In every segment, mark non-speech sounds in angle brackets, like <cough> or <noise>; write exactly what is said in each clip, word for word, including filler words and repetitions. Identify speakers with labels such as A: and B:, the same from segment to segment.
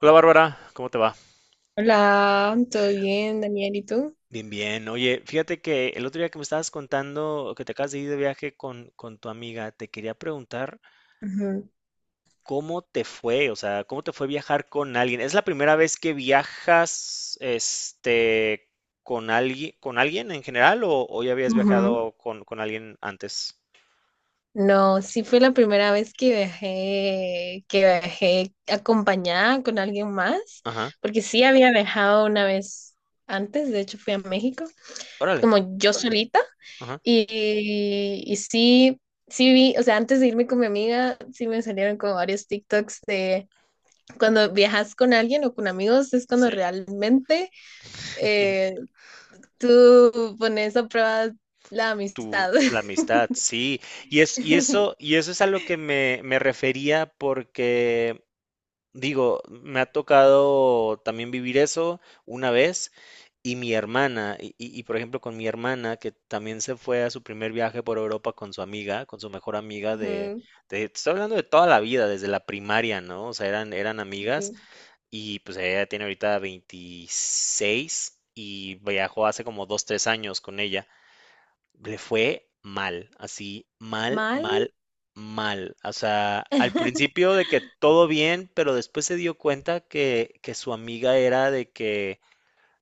A: Hola Bárbara, ¿cómo te va?
B: Hola, ¿todo bien, Daniel? ¿Y tú?
A: Bien, bien. Oye, fíjate que el otro día que me estabas contando que te acabas de ir de viaje con, con tu amiga, te quería preguntar
B: Ujú.
A: cómo te fue, o sea, cómo te fue viajar con alguien. ¿Es la primera vez que viajas, este, con alguien, con alguien en general o, o ya habías
B: Ujú.
A: viajado con, con alguien antes?
B: No, sí fue la primera vez que viajé, que viajé acompañada con alguien más,
A: Ajá.
B: porque sí había viajado una vez antes, de hecho fui a México,
A: Órale.
B: como yo solita,
A: Ajá.
B: y, y sí, sí vi, o sea, antes de irme con mi amiga, sí me salieron como varios TikToks de cuando viajas con alguien o con amigos, es cuando
A: Sí.
B: realmente eh, tú pones a prueba la
A: Tu,
B: amistad.
A: la
B: <laughs>
A: amistad, sí. Y es, y eso, y eso es a lo que me, me refería porque digo, me ha tocado también vivir eso una vez y mi hermana, y, y- y, por ejemplo con mi hermana que también se fue a su primer viaje por Europa con su amiga, con su mejor amiga de,
B: Ujú,
A: de, te estoy hablando de toda la vida, desde la primaria, ¿no? O sea, eran, eran amigas
B: ujú.
A: y pues ella tiene ahorita veintiséis y viajó hace como dos tres años con ella le fue mal, así, mal,
B: ¿Mal?
A: mal, mal. O sea, al
B: <laughs>
A: principio de que todo bien, pero después se dio cuenta que, que su amiga era de que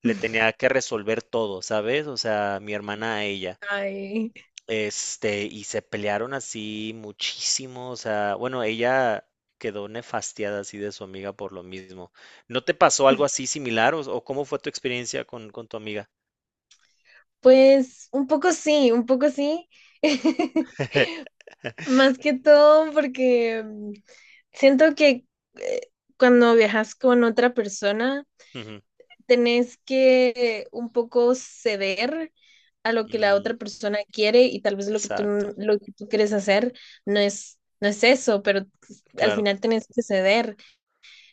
A: le tenía que resolver todo, ¿sabes? O sea, mi hermana a ella.
B: Ay,
A: Este, y se pelearon así muchísimo, o sea, bueno, ella quedó nefastiada así de su amiga por lo mismo. ¿No te pasó algo así similar o, o cómo fue tu experiencia con, con tu amiga?
B: pues un poco sí, un poco sí. <laughs>
A: <laughs>
B: Más que todo porque mm, siento que eh, cuando viajas con otra persona,
A: Ujú,
B: tenés que eh, un poco ceder a lo que la
A: mm,
B: otra persona quiere y tal vez lo que tú,
A: exacto,
B: lo que tú quieres hacer no es, no es eso, pero al
A: claro.
B: final tenés que ceder.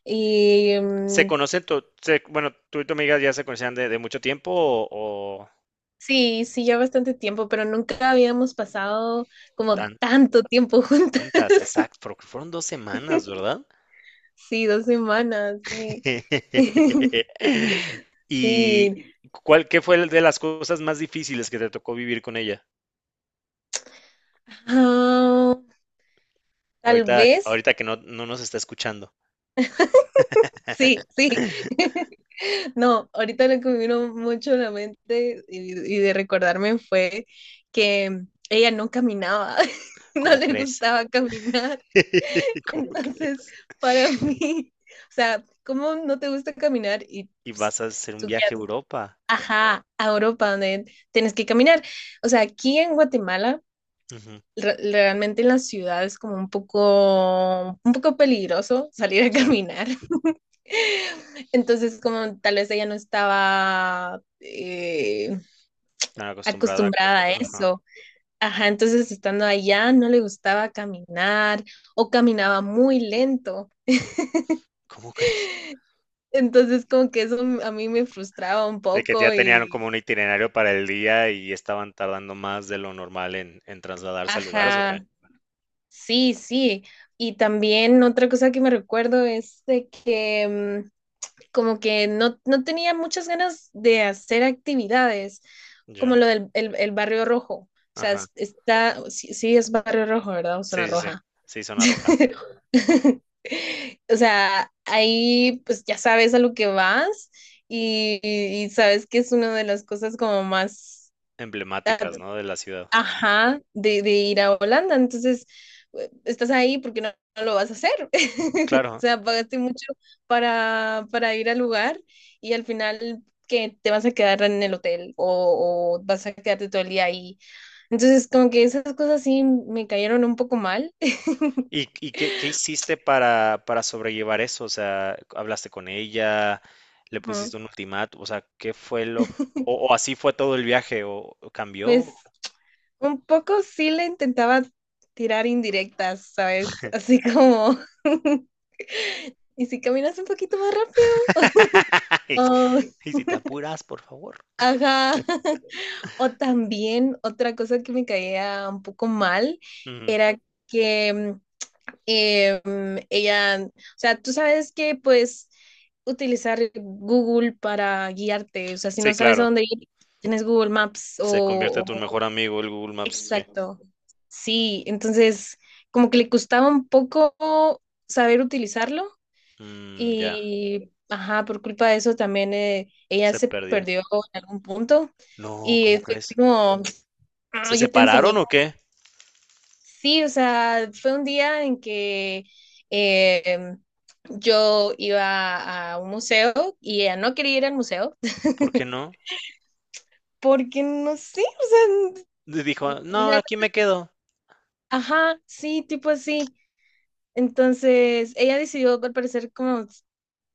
B: Y
A: ¿Se
B: mm,
A: conocen, tu, se- Bueno, tú y tu amiga ya se conocían de, de mucho tiempo o, o
B: sí, sí, ya bastante tiempo, pero nunca habíamos pasado como
A: tan
B: tanto tiempo juntas.
A: juntas? Exacto, porque fueron dos semanas,
B: <laughs>
A: ¿verdad?
B: Sí, dos semanas, sí. <laughs>
A: <laughs> ¿Y
B: Sí.
A: cuál, qué fue de las cosas más difíciles que te tocó vivir con ella?
B: Ah, tal
A: Ahorita, que-
B: vez.
A: ahorita que no, no nos está escuchando,
B: Sí, sí. <laughs> No, ahorita lo que me vino mucho a la mente y, y de recordarme fue que ella no caminaba, <laughs> no
A: ¿cómo
B: le
A: crees?
B: gustaba caminar.
A: <laughs>
B: <laughs>
A: ¿Cómo
B: Entonces,
A: crees?
B: para mí, o sea, ¿cómo no te gusta caminar y
A: Y
B: pues,
A: vas a hacer un
B: tú
A: viaje a
B: quieres,
A: Europa.
B: ajá, a Europa donde tienes que caminar? O sea, aquí en Guatemala,
A: Ujú.
B: re- realmente en la ciudad es como un poco, un poco peligroso salir a
A: Sí,
B: caminar. <laughs> Entonces, como tal vez ella no estaba eh,
A: tan acostumbrada.
B: acostumbrada a
A: Ajá.
B: eso. Ajá, entonces estando allá no le gustaba caminar o caminaba muy lento.
A: ¿Cómo
B: Entonces, como que eso m- a mí me frustraba un
A: De que ya
B: poco
A: tenían como
B: y,
A: un itinerario para el día y estaban tardando más de lo normal en, en trasladarse a lugares, ¿o qué?
B: ajá, sí, sí. Y también otra cosa que me recuerdo es de que mm, como que no, no tenía muchas ganas de hacer actividades, como
A: Ya,
B: lo del el, el Barrio Rojo. O sea,
A: ajá.
B: es- está, sí, sí es Barrio Rojo, ¿verdad? O
A: Sí,
B: Zona
A: sí, sí.
B: Roja.
A: Sí, zona roja.
B: <laughs> O sea, ahí pues ya sabes a lo que vas y, y- y sabes que es una de las cosas como más ah,
A: Emblemáticas, ¿no? De la ciudad.
B: ajá, de, de ir a Holanda. Entonces, eh, estás ahí porque no, no lo vas a hacer. <laughs> O
A: Claro.
B: sea, pagaste mucho para, para ir al lugar y al final que te vas a quedar en el hotel o, o vas a quedarte todo el día ahí. Entonces, como que esas cosas sí me cayeron un poco mal.
A: ¿Y,
B: <laughs>
A: y qué, qué hiciste para, para sobrellevar eso? O sea, ¿hablaste con ella? ¿Le
B: Ujú.
A: pusiste un ultimátum? O sea, ¿qué fue lo... O, o así fue todo el viaje? ¿O, o cambió?
B: Pues un poco sí le intentaba tirar indirectas, ¿sabes? Así como, <laughs> ¿y si caminas un poquito más rápido?
A: <laughs> Y si
B: Oh,
A: y si te apuras, por favor.
B: ajá. <laughs> O también otra cosa que me caía un poco mal
A: Ujú.
B: era que em, ella, o sea, tú sabes que pues utilizar Google para guiarte, o sea, si
A: Sí,
B: no sabes a
A: claro.
B: dónde ir, tienes Google Maps
A: Se convierte
B: o,
A: en tu
B: o-
A: mejor amigo el Google Maps. Sí.
B: exacto. Sí, entonces como que le costaba un poco saber utilizarlo
A: Mm, ya,
B: y, ajá, por culpa de eso también eh, ella
A: se
B: se
A: perdió.
B: perdió en algún punto.
A: No,
B: Y
A: ¿cómo
B: fue así
A: crees?
B: como,
A: ¿Se
B: ah, yo te
A: separaron
B: enseñé. Que
A: o qué?
B: sí, o sea, fue un día en que eh, yo iba a un museo y ella no quería ir al museo
A: ¿Por qué
B: <laughs>
A: no?
B: porque no sé, o
A: Y
B: sea,
A: dijo, no, aquí
B: realmente-
A: me quedo.
B: ajá, sí, tipo así. Entonces, ella decidió, al parecer, como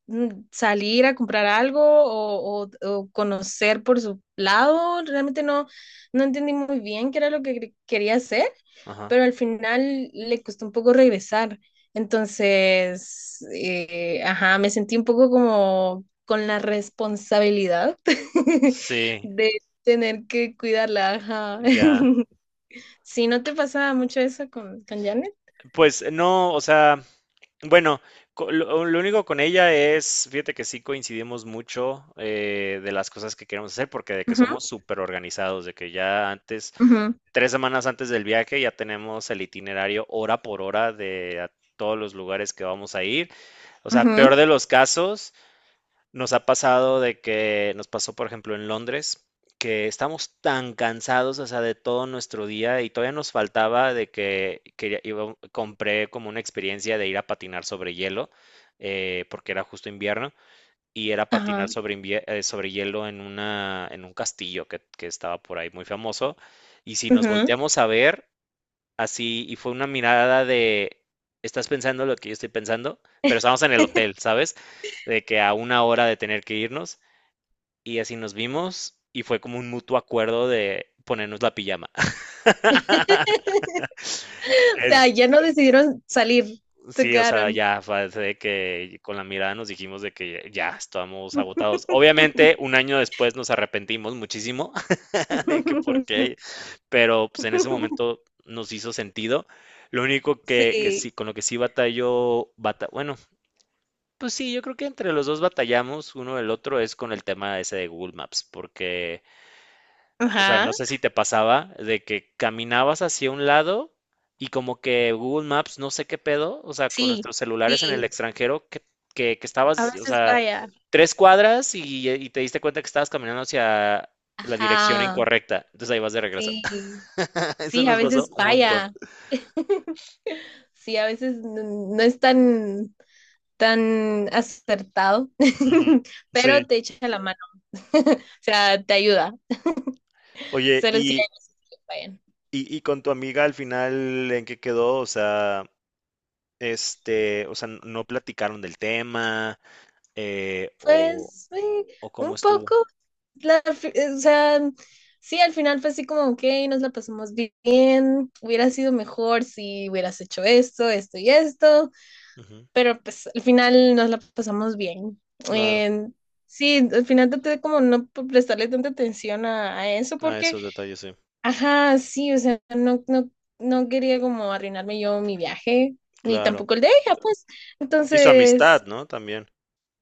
B: mm, salir a comprar algo o, o- o conocer por su lado. Realmente no, no entendí muy bien qué era lo que quería hacer.
A: Ajá.
B: Pero al final le costó un poco regresar. Entonces, eh, ajá, me sentí un poco como con la responsabilidad <laughs>
A: Sí,
B: de tener que cuidarla, ajá.
A: ya.
B: <laughs> Sí, ¿no te pasaba mucho eso con, con Janet?
A: Pues no, o sea, bueno, co- lo, lo único con ella es, fíjate que sí coincidimos mucho eh, de las cosas que queremos hacer, porque de que
B: Ajá,
A: somos súper organizados, de que ya antes,
B: ajá,
A: tres semanas antes del viaje, ya tenemos el itinerario hora por hora de a todos los lugares que vamos a ir. O sea,
B: ajá,
A: peor de los casos, nos ha pasado de que nos pasó, por ejemplo, en Londres, que estamos tan cansados, o sea, de todo nuestro día y todavía nos faltaba de que, que ya iba- compré como una experiencia de ir a patinar sobre hielo, eh, porque era justo invierno, y era patinar
B: ajá,
A: sobre, invie- eh, sobre hielo en una, en un castillo que, que estaba por ahí muy famoso. Y si nos
B: ajá.
A: volteamos a ver, así y fue una mirada de, estás pensando lo que yo estoy pensando, pero estábamos en el hotel, ¿sabes? De que a una hora de tener que irnos y así nos vimos y fue como un mutuo acuerdo de ponernos la pijama. <laughs>
B: <laughs> O sea,
A: Es,
B: ya no decidieron salir, se
A: sí, o sea,
B: quedaron.
A: ya fue de que con la mirada nos dijimos de que ya estábamos agotados. Obviamente,
B: <laughs>
A: un año después nos arrepentimos muchísimo <laughs> de que por qué, pero pues en ese momento nos hizo sentido. Lo único que, que
B: Sí,
A: sí, con lo que sí batalló, bata- bueno, pues sí, yo creo que entre los dos batallamos uno el otro es con el tema ese de Google Maps, porque, o sea,
B: ajá.
A: no sé si te pasaba de que caminabas hacia un lado y como que Google Maps, no sé qué pedo, o sea, con
B: Sí,
A: nuestros celulares en el
B: sí,
A: extranjero, que, que, que
B: a
A: estabas, o
B: veces
A: sea,
B: falla.
A: tres cuadras y, y te diste cuenta que estabas caminando hacia la dirección
B: Ajá,
A: incorrecta, entonces ahí vas de regreso.
B: sí,
A: <laughs> Eso
B: sí, a
A: nos pasó
B: veces
A: un montón.
B: falla. <laughs> Sí, a veces no, no es tan, tan acertado,
A: Ujú.
B: <laughs> pero
A: Sí,
B: te echa la mano. <laughs> O sea, te ayuda.
A: oye,
B: Solo si
A: y,
B: hay que fallan.
A: y, y con tu amiga al final, ¿en qué quedó? O sea, Este, o sea, no platicaron del tema, eh, o,
B: Pues, sí,
A: o cómo
B: un
A: estuvo.
B: poco. La- fi- o sea, sí, al final fue así como, ok, nos la pasamos bien. Hubiera sido mejor si hubieras hecho esto, esto y esto.
A: Ujú,
B: Pero pues al final nos la pasamos bien.
A: claro.
B: Eh, sí, al final traté de como no p- prestarle tanta atención a, a eso
A: Ah,
B: porque,
A: esos detalles, sí.
B: ajá, sí, o sea, no, no, no quería como arruinarme yo mi viaje, ni
A: Claro.
B: tampoco el de ella, pues.
A: Y su amistad,
B: Entonces,
A: ¿no? También.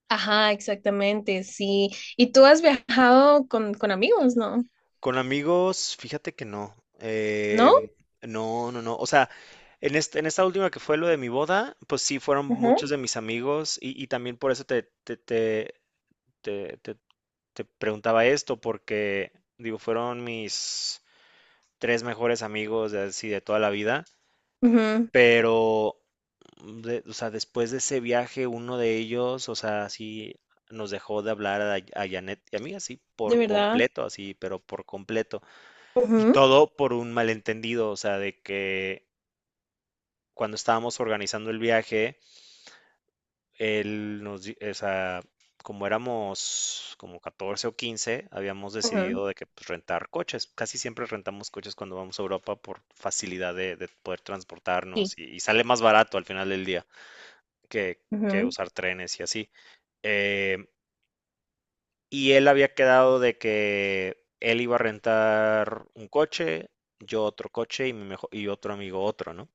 B: ajá, exactamente, sí. ¿Y tú has viajado con, con amigos, no?
A: Con amigos, fíjate que no. Eh,
B: ¿No?
A: no, no, no. O sea, en este, en esta última que fue lo de mi boda, pues sí fueron
B: Ajá.
A: muchos de mis amigos y, y también por eso te, te, te, te, te- te preguntaba esto, porque digo, fueron mis tres mejores amigos de, así, de toda la vida.
B: Ujú,
A: Pero, mm, de o sea, después de ese viaje, uno de ellos, o sea, sí nos dejó de hablar a a Janet y a mí, así
B: ¿de
A: por
B: verdad?
A: completo, así, pero por completo. Y
B: Ujú,
A: todo por un malentendido, o sea, de que cuando estábamos organizando el viaje, él nos di o sea, como éramos como catorce o quince habíamos
B: ujú,
A: decidido de que, pues, rentar coches. Casi siempre rentamos coches cuando vamos a Europa por facilidad de de poder
B: sí.
A: transportarnos y y sale más barato al final del día que, que usar trenes y así. Eh, y él había quedado de que él iba a rentar un coche, yo otro coche y, mi mejo- y otro amigo otro, ¿no?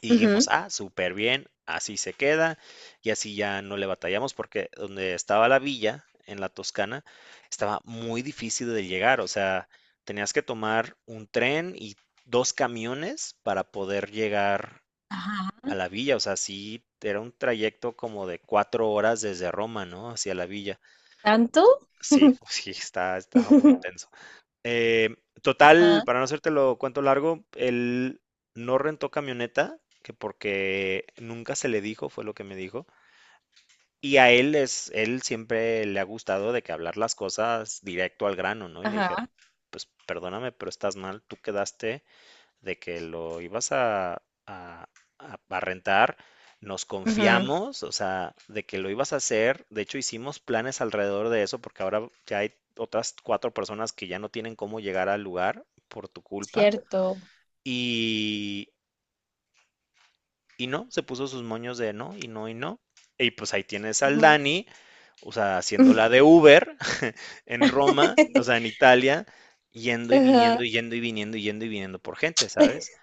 A: Y
B: Ujú, ujú.
A: dijimos, ah, súper bien, así se queda y así ya no le batallamos porque donde estaba la villa, en la Toscana, estaba muy difícil de llegar, o sea, tenías que tomar un tren y dos camiones para poder llegar
B: Ajá.
A: a la villa, o sea, sí, era un trayecto como de cuatro horas desde Roma, ¿no? Hacia la villa.
B: ¿Tanto?
A: Sí, <laughs> sí, está, estaba muy intenso.
B: <laughs>
A: Eh, total,
B: Ajá,
A: para no hacértelo lo cuento largo, él no rentó camioneta, que porque nunca se le dijo, fue lo que me dijo. Y a él es, él siempre le ha gustado de que hablar las cosas directo al grano, ¿no? Y le dije,
B: ajá.
A: pues perdóname, pero estás mal, tú quedaste de que lo ibas a, a- a- rentar, nos
B: Ujú,
A: confiamos, o sea, de que lo ibas a hacer. De hecho, hicimos planes alrededor de eso porque ahora ya hay otras cuatro personas que ya no tienen cómo llegar al lugar por tu culpa.
B: cierto.
A: Y, y no, se puso sus moños de no, y no, y no. Y pues ahí tienes al
B: Ujú.
A: Dani, o sea, haciendo la de Uber <laughs> en Roma, o sea, en
B: <laughs>
A: Italia, yendo y viniendo,
B: Ajá.
A: y yendo y viniendo, y yendo y viniendo por gente, ¿sabes?
B: <laughs>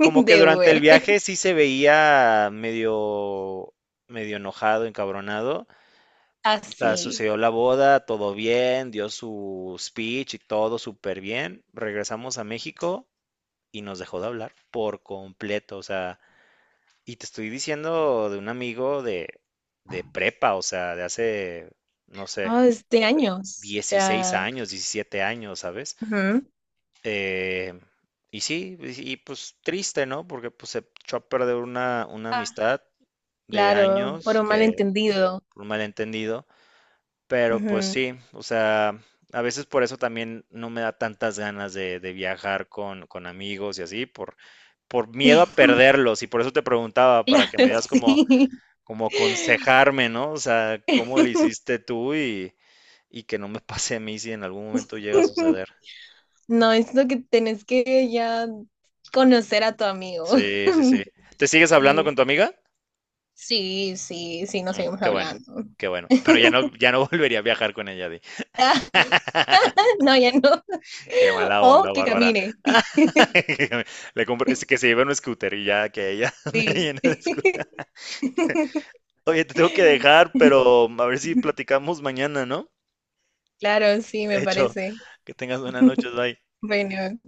A: Como que
B: De
A: durante el
B: Uber.
A: viaje sí se veía medio, medio enojado, encabronado. O sea,
B: Así.
A: sucedió la boda, todo bien, dio su speech y todo súper bien. Regresamos a México y nos dejó de hablar por completo. O sea, y te estoy diciendo de un amigo de, de prepa, o sea, de hace, no sé,
B: Oh, es de años. O
A: dieciséis
B: sea,
A: años, diecisiete años, ¿sabes?
B: ujú,
A: Eh, y sí, y, y, pues triste, ¿no? Porque pues se echó a perder una, una
B: ah,
A: amistad de
B: claro, por
A: años,
B: un
A: que
B: malentendido.
A: por un malentendido, pero pues
B: Ujú.
A: sí, o sea, a veces por eso también no me da tantas ganas de, de viajar con, con amigos y así, por, por miedo a
B: <laughs>
A: perderlos, y por eso te preguntaba, para que me
B: Claro,
A: digas como,
B: sí.
A: como
B: <laughs>
A: aconsejarme, ¿no? O sea, cómo le hiciste tú y, y que no me <laughs> pase a mí si en algún momento llega a suceder.
B: No, es lo que tenés que ya conocer a tu amigo.
A: Sí, sí, sí.
B: <laughs>
A: ¿Te sigues hablando
B: Sí,
A: con tu amiga?
B: sí, sí, sí, nos
A: Mm,
B: seguimos
A: qué bueno,
B: hablando.
A: qué bueno. Pero ya no,
B: <laughs>
A: ya no <laughs> volvería a viajar con ella, di.
B: Ah, no, ya no.
A: Qué
B: <laughs>
A: mala
B: O
A: onda,
B: que
A: Bárbara.
B: camine.
A: <laughs> Le compro- es que se lleve un scooter y ya que ella <laughs> ande ahí en el scooter.
B: <laughs>
A: Oye, te tengo que dejar,
B: <laughs>
A: pero a ver si platicamos mañana, ¿no?
B: Claro, sí, me
A: Hecho,
B: parece.
A: que tengas buenas noches, bye.
B: Bueno,